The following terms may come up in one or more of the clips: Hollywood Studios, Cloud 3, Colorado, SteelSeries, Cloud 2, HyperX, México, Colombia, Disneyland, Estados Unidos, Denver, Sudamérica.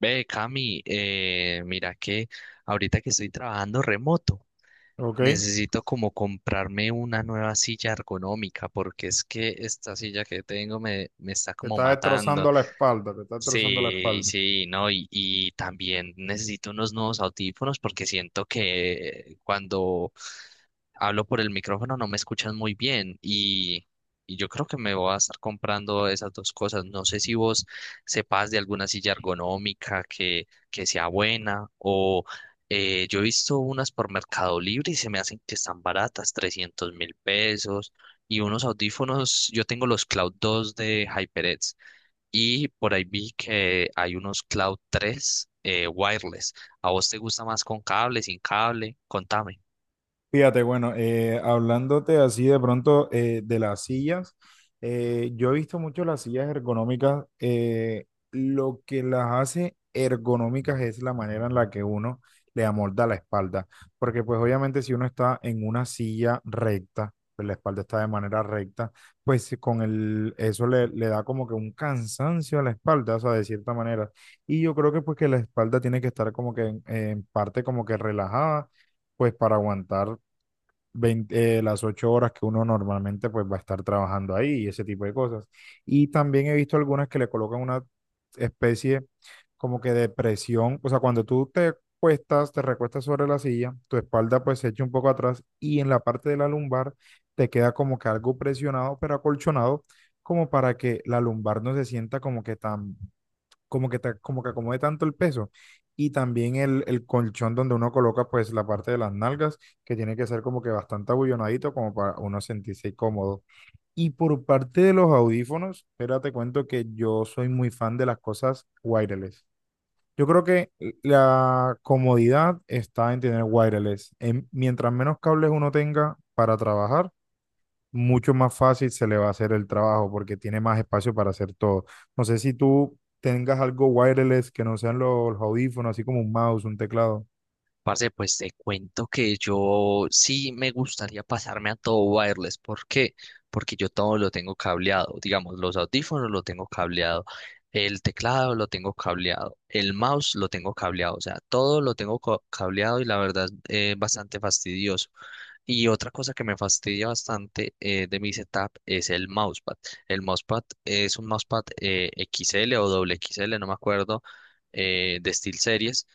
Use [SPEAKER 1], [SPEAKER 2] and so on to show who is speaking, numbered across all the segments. [SPEAKER 1] Ve, Cami, mira que ahorita que estoy trabajando remoto,
[SPEAKER 2] Ok.
[SPEAKER 1] necesito como comprarme una nueva silla ergonómica porque es que esta silla que tengo me está
[SPEAKER 2] Te
[SPEAKER 1] como
[SPEAKER 2] está
[SPEAKER 1] matando.
[SPEAKER 2] destrozando la espalda, te está destrozando la
[SPEAKER 1] Sí,
[SPEAKER 2] espalda.
[SPEAKER 1] sí, no, y también necesito unos nuevos audífonos porque siento que cuando hablo por el micrófono no me escuchan muy bien y yo creo que me voy a estar comprando esas dos cosas. No sé si vos sepas de alguna silla ergonómica que sea buena o yo he visto unas por Mercado Libre y se me hacen que están baratas, 300.000 pesos y unos audífonos, yo tengo los Cloud 2 de HyperX y por ahí vi que hay unos Cloud 3 wireless. ¿A vos te gusta más con cable, sin cable? Contame.
[SPEAKER 2] Fíjate, bueno, hablándote así de pronto de las sillas, yo he visto mucho las sillas ergonómicas. Lo que las hace ergonómicas es la manera en la que uno le amolda la espalda, porque pues obviamente si uno está en una silla recta, pues la espalda está de manera recta, pues con eso le da como que un cansancio a la espalda, o sea, de cierta manera. Y yo creo que pues que la espalda tiene que estar como que en parte como que relajada pues para aguantar 20 las 8 horas que uno normalmente pues va a estar trabajando ahí y ese tipo de cosas. Y también he visto algunas que le colocan una especie como que de presión, o sea, cuando tú te cuestas, te recuestas sobre la silla, tu espalda pues se echa un poco atrás y en la parte de la lumbar te queda como que algo presionado, pero acolchonado, como para que la lumbar no se sienta como que tan como que, como que acomode tanto el peso. Y también el colchón donde uno coloca pues la parte de las nalgas, que tiene que ser como que bastante abullonadito como para uno sentirse cómodo. Y por parte de los audífonos, espérate, te cuento que yo soy muy fan de las cosas wireless. Yo creo que la comodidad está en tener wireless. Mientras menos cables uno tenga para trabajar, mucho más fácil se le va a hacer el trabajo porque tiene más espacio para hacer todo. No sé si tú tengas algo wireless que no sean los audífonos, así como un mouse, un teclado.
[SPEAKER 1] Parce, pues te cuento que yo sí me gustaría pasarme a todo wireless. ¿Por qué? Porque yo todo lo tengo cableado. Digamos, los audífonos lo tengo cableado. El teclado lo tengo cableado. El mouse lo tengo cableado. O sea, todo lo tengo co- cableado y la verdad es bastante fastidioso. Y otra cosa que me fastidia bastante de mi setup es el mousepad. El mousepad es un mousepad XL o doble XL, no me acuerdo, de SteelSeries.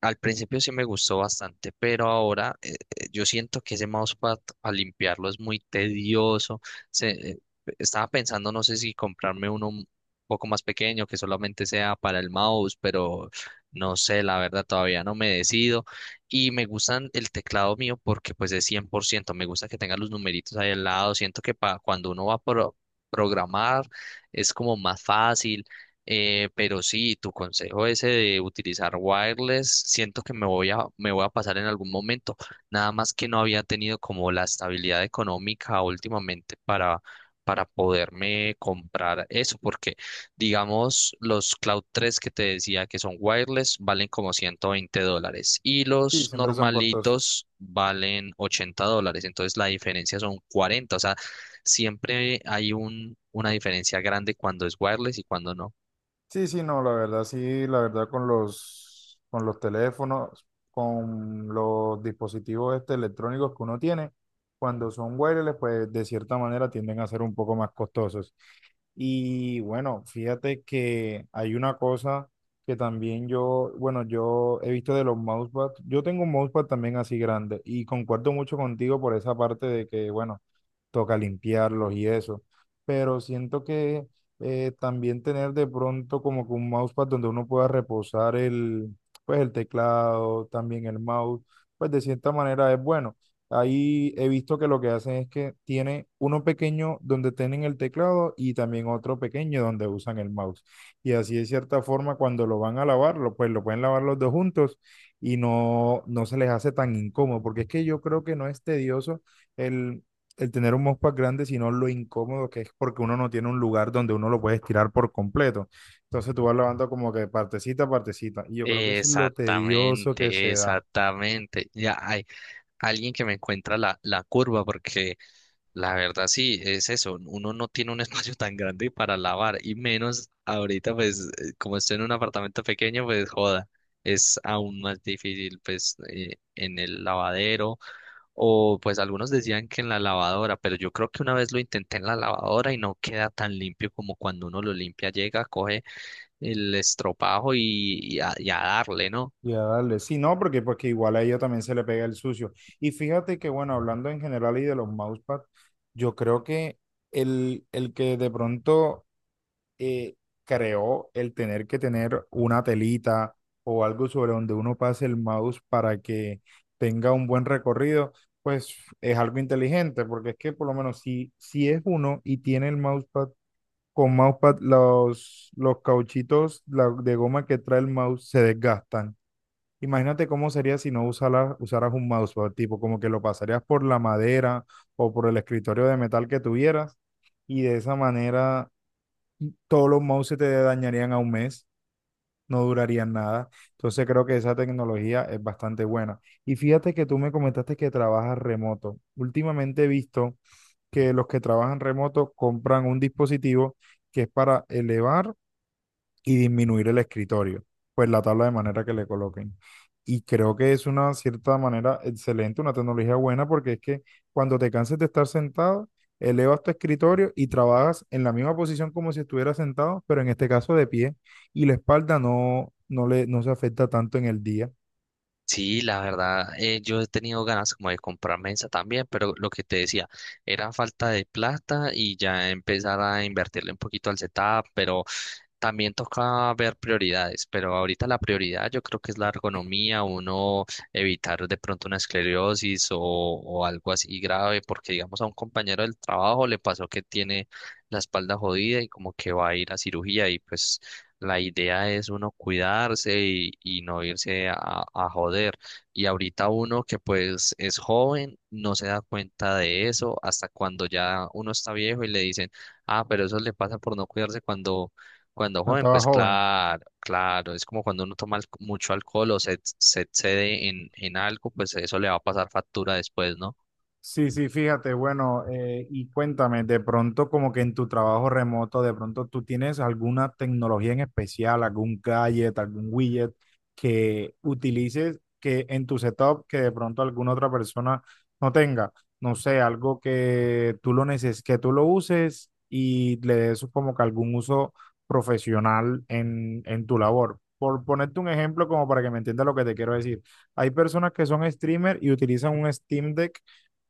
[SPEAKER 1] Al principio sí me gustó bastante, pero ahora yo siento que ese mousepad al limpiarlo es muy tedioso. Se, eh, Estaba pensando, no sé si comprarme uno un poco más pequeño que solamente sea para el mouse, pero no sé, la verdad todavía no me decido. Y me gustan el teclado mío porque pues es 100%. Me gusta que tenga los numeritos ahí al lado. Siento que pa- cuando uno va a pro- programar es como más fácil pero sí, tu consejo ese de utilizar wireless, siento que me voy a pasar en algún momento. Nada más que no había tenido como la estabilidad económica últimamente para poderme comprar eso, porque digamos los Cloud 3 que te decía que son wireless valen como 120 dólares y
[SPEAKER 2] Sí,
[SPEAKER 1] los
[SPEAKER 2] siempre son costosos.
[SPEAKER 1] normalitos valen 80 dólares. Entonces la diferencia son cuarenta, o sea, siempre hay una diferencia grande cuando es wireless y cuando no.
[SPEAKER 2] Sí, sí, no, la verdad, sí, la verdad con con los teléfonos, con los dispositivos este electrónicos que uno tiene, cuando son wireless, pues de cierta manera tienden a ser un poco más costosos. Y bueno, fíjate que hay una cosa que también yo, bueno, yo he visto de los mousepad, yo tengo un mousepad también así grande y concuerdo mucho contigo por esa parte de que, bueno, toca limpiarlos y eso, pero siento que también tener de pronto como que un mousepad donde uno pueda reposar pues el teclado, también el mouse, pues de cierta manera es bueno. Ahí he visto que lo que hacen es que tiene uno pequeño donde tienen el teclado y también otro pequeño donde usan el mouse. Y así de cierta forma cuando lo van a lavar, pues lo pueden lavar los dos juntos y no, no se les hace tan incómodo, porque es que yo creo que no es tedioso el tener un mousepad grande, sino lo incómodo que es porque uno no tiene un lugar donde uno lo puede estirar por completo. Entonces tú vas lavando como que partecita a partecita. Y yo creo que eso es lo tedioso que
[SPEAKER 1] Exactamente,
[SPEAKER 2] se da.
[SPEAKER 1] exactamente. Ya hay alguien que me encuentra la curva, porque la verdad sí, es eso, uno no tiene un espacio tan grande para lavar, y menos ahorita, pues, como estoy en un apartamento pequeño, pues joda, es aún más difícil, pues, en el lavadero, o pues algunos decían que en la lavadora, pero yo creo que una vez lo intenté en la lavadora y no queda tan limpio como cuando uno lo limpia, llega, coge el estropajo y, y a darle, ¿no?
[SPEAKER 2] Ya, dale. Sí, no, porque, pues que igual a ella también se le pega el sucio. Y fíjate que, bueno, hablando en general y de los mousepads, yo creo que el que de pronto eh, creó el tener que tener una telita o algo sobre donde uno pase el mouse para que tenga un buen recorrido, pues es algo inteligente, porque es que por lo menos si es uno y tiene el mousepad, con mousepad los cauchitos de goma que trae el mouse se desgastan. Imagínate cómo sería si no usaras un mousepad, tipo como que lo pasarías por la madera o por el escritorio de metal que tuvieras y de esa manera todos los mouse se te dañarían a un mes, no durarían nada. Entonces creo que esa tecnología es bastante buena. Y fíjate que tú me comentaste que trabajas remoto. Últimamente he visto que los que trabajan remoto compran un dispositivo que es para elevar y disminuir el escritorio, pues la tabla de manera que le coloquen. Y creo que es una cierta manera excelente, una tecnología buena, porque es que cuando te canses de estar sentado, elevas tu escritorio y trabajas en la misma posición como si estuvieras sentado, pero en este caso de pie, y la espalda no, no se afecta tanto en el día.
[SPEAKER 1] Sí, la verdad, yo he tenido ganas como de comprar mesa también, pero lo que te decía, era falta de plata y ya empezar a invertirle un poquito al setup, pero también toca ver prioridades, pero ahorita la prioridad yo creo que es la ergonomía, uno evitar de pronto una esclerosis o algo así grave, porque digamos a un compañero del trabajo le pasó que tiene la espalda jodida y como que va a ir a cirugía y pues la idea es uno cuidarse y no irse a joder. Y ahorita uno que pues es joven no se da cuenta de eso hasta cuando ya uno está viejo y le dicen, ah, pero eso le pasa por no cuidarse cuando joven,
[SPEAKER 2] Estaba
[SPEAKER 1] pues
[SPEAKER 2] joven.
[SPEAKER 1] claro, claro, es como cuando uno toma alco- mucho alcohol o se excede en algo, pues eso le va a pasar factura después, ¿no?
[SPEAKER 2] Sí, sí, fíjate, bueno, y cuéntame, de pronto como que en tu trabajo remoto, de pronto tú tienes alguna tecnología en especial, algún gadget, algún widget que utilices que en tu setup que de pronto alguna otra persona no tenga, no sé, algo que tú lo neces que tú lo uses y le des como que algún uso profesional en tu labor. Por ponerte un ejemplo como para que me entiendas lo que te quiero decir. Hay personas que son streamer y utilizan un Steam Deck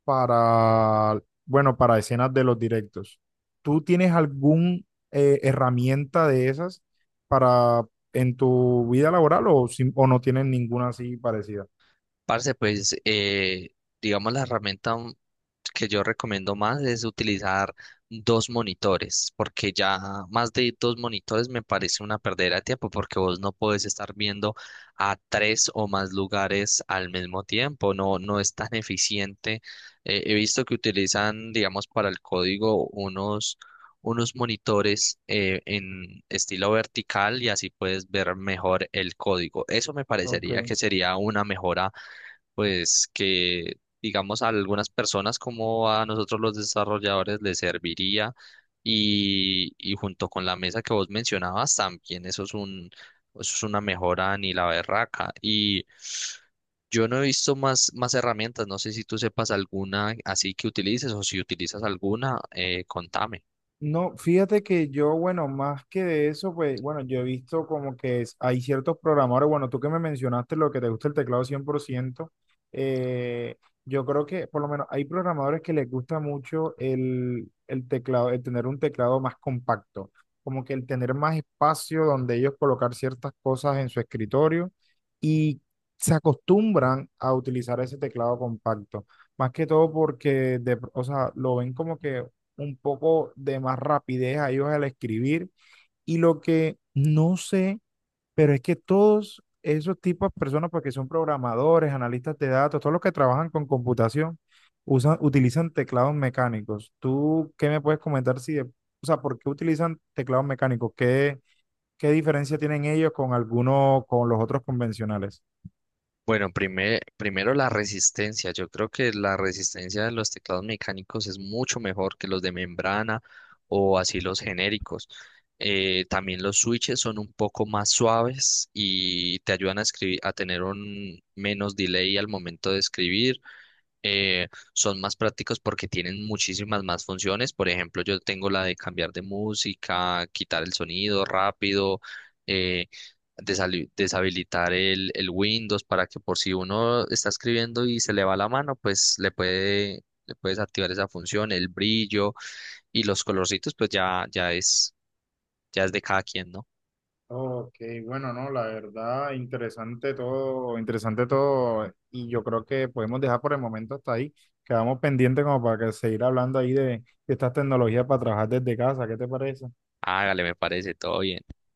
[SPEAKER 2] para, bueno, para escenas de los directos. ¿Tú tienes alguna herramienta de esas para en tu vida laboral o, o no tienes ninguna así parecida?
[SPEAKER 1] Parce, pues, digamos, la herramienta que yo recomiendo más es utilizar dos monitores, porque ya más de dos monitores me parece una perdera de tiempo, porque vos no puedes estar viendo a tres o más lugares al mismo tiempo, no, no es tan eficiente. He visto que utilizan, digamos, para el código unos monitores en estilo vertical y así puedes ver mejor el código. Eso me parecería
[SPEAKER 2] Ok.
[SPEAKER 1] que sería una mejora pues que digamos a algunas personas como a nosotros los desarrolladores les serviría y junto con la mesa que vos mencionabas también eso es una mejora ni la berraca y yo no he visto más herramientas, no sé si tú sepas alguna así que utilices o si utilizas alguna, contame.
[SPEAKER 2] No, fíjate que yo, bueno, más que de eso, pues, bueno, yo he visto como que hay ciertos programadores, bueno, tú que me mencionaste lo que te gusta el teclado 100%, eh, yo creo que por lo menos hay programadores que les gusta mucho el teclado, el tener un teclado más compacto, como que el tener más espacio donde ellos colocar ciertas cosas en su escritorio y se acostumbran a utilizar ese teclado compacto. Más que todo porque, o sea, lo ven como que un poco de más rapidez a ellos al escribir. Y lo que no sé, pero es que todos esos tipos de personas, porque son programadores, analistas de datos, todos los que trabajan con computación, utilizan teclados mecánicos. ¿Tú qué me puedes comentar si, o sea, por qué utilizan teclados mecánicos? ¿Qué, qué diferencia tienen ellos con algunos, con los otros convencionales?
[SPEAKER 1] Bueno, primero la resistencia. Yo creo que la resistencia de los teclados mecánicos es mucho mejor que los de membrana o así los genéricos. También los switches son un poco más suaves y te ayudan a escribir, a tener un menos delay al momento de escribir, eh, son más prácticos porque tienen muchísimas más funciones. Por ejemplo, yo tengo la de cambiar de música, quitar el sonido rápido, eh, desali- deshabilitar el Windows para que por si uno está escribiendo y se le va la mano, pues le puedes activar esa función, el brillo y los colorcitos, pues ya, ya es de cada quien, ¿no?
[SPEAKER 2] Ok, bueno, no, la verdad, interesante todo, y yo creo que podemos dejar por el momento hasta ahí. Quedamos pendientes como para que seguir hablando ahí de estas tecnologías para trabajar desde casa, ¿qué te parece?
[SPEAKER 1] Hágale, me parece, todo bien.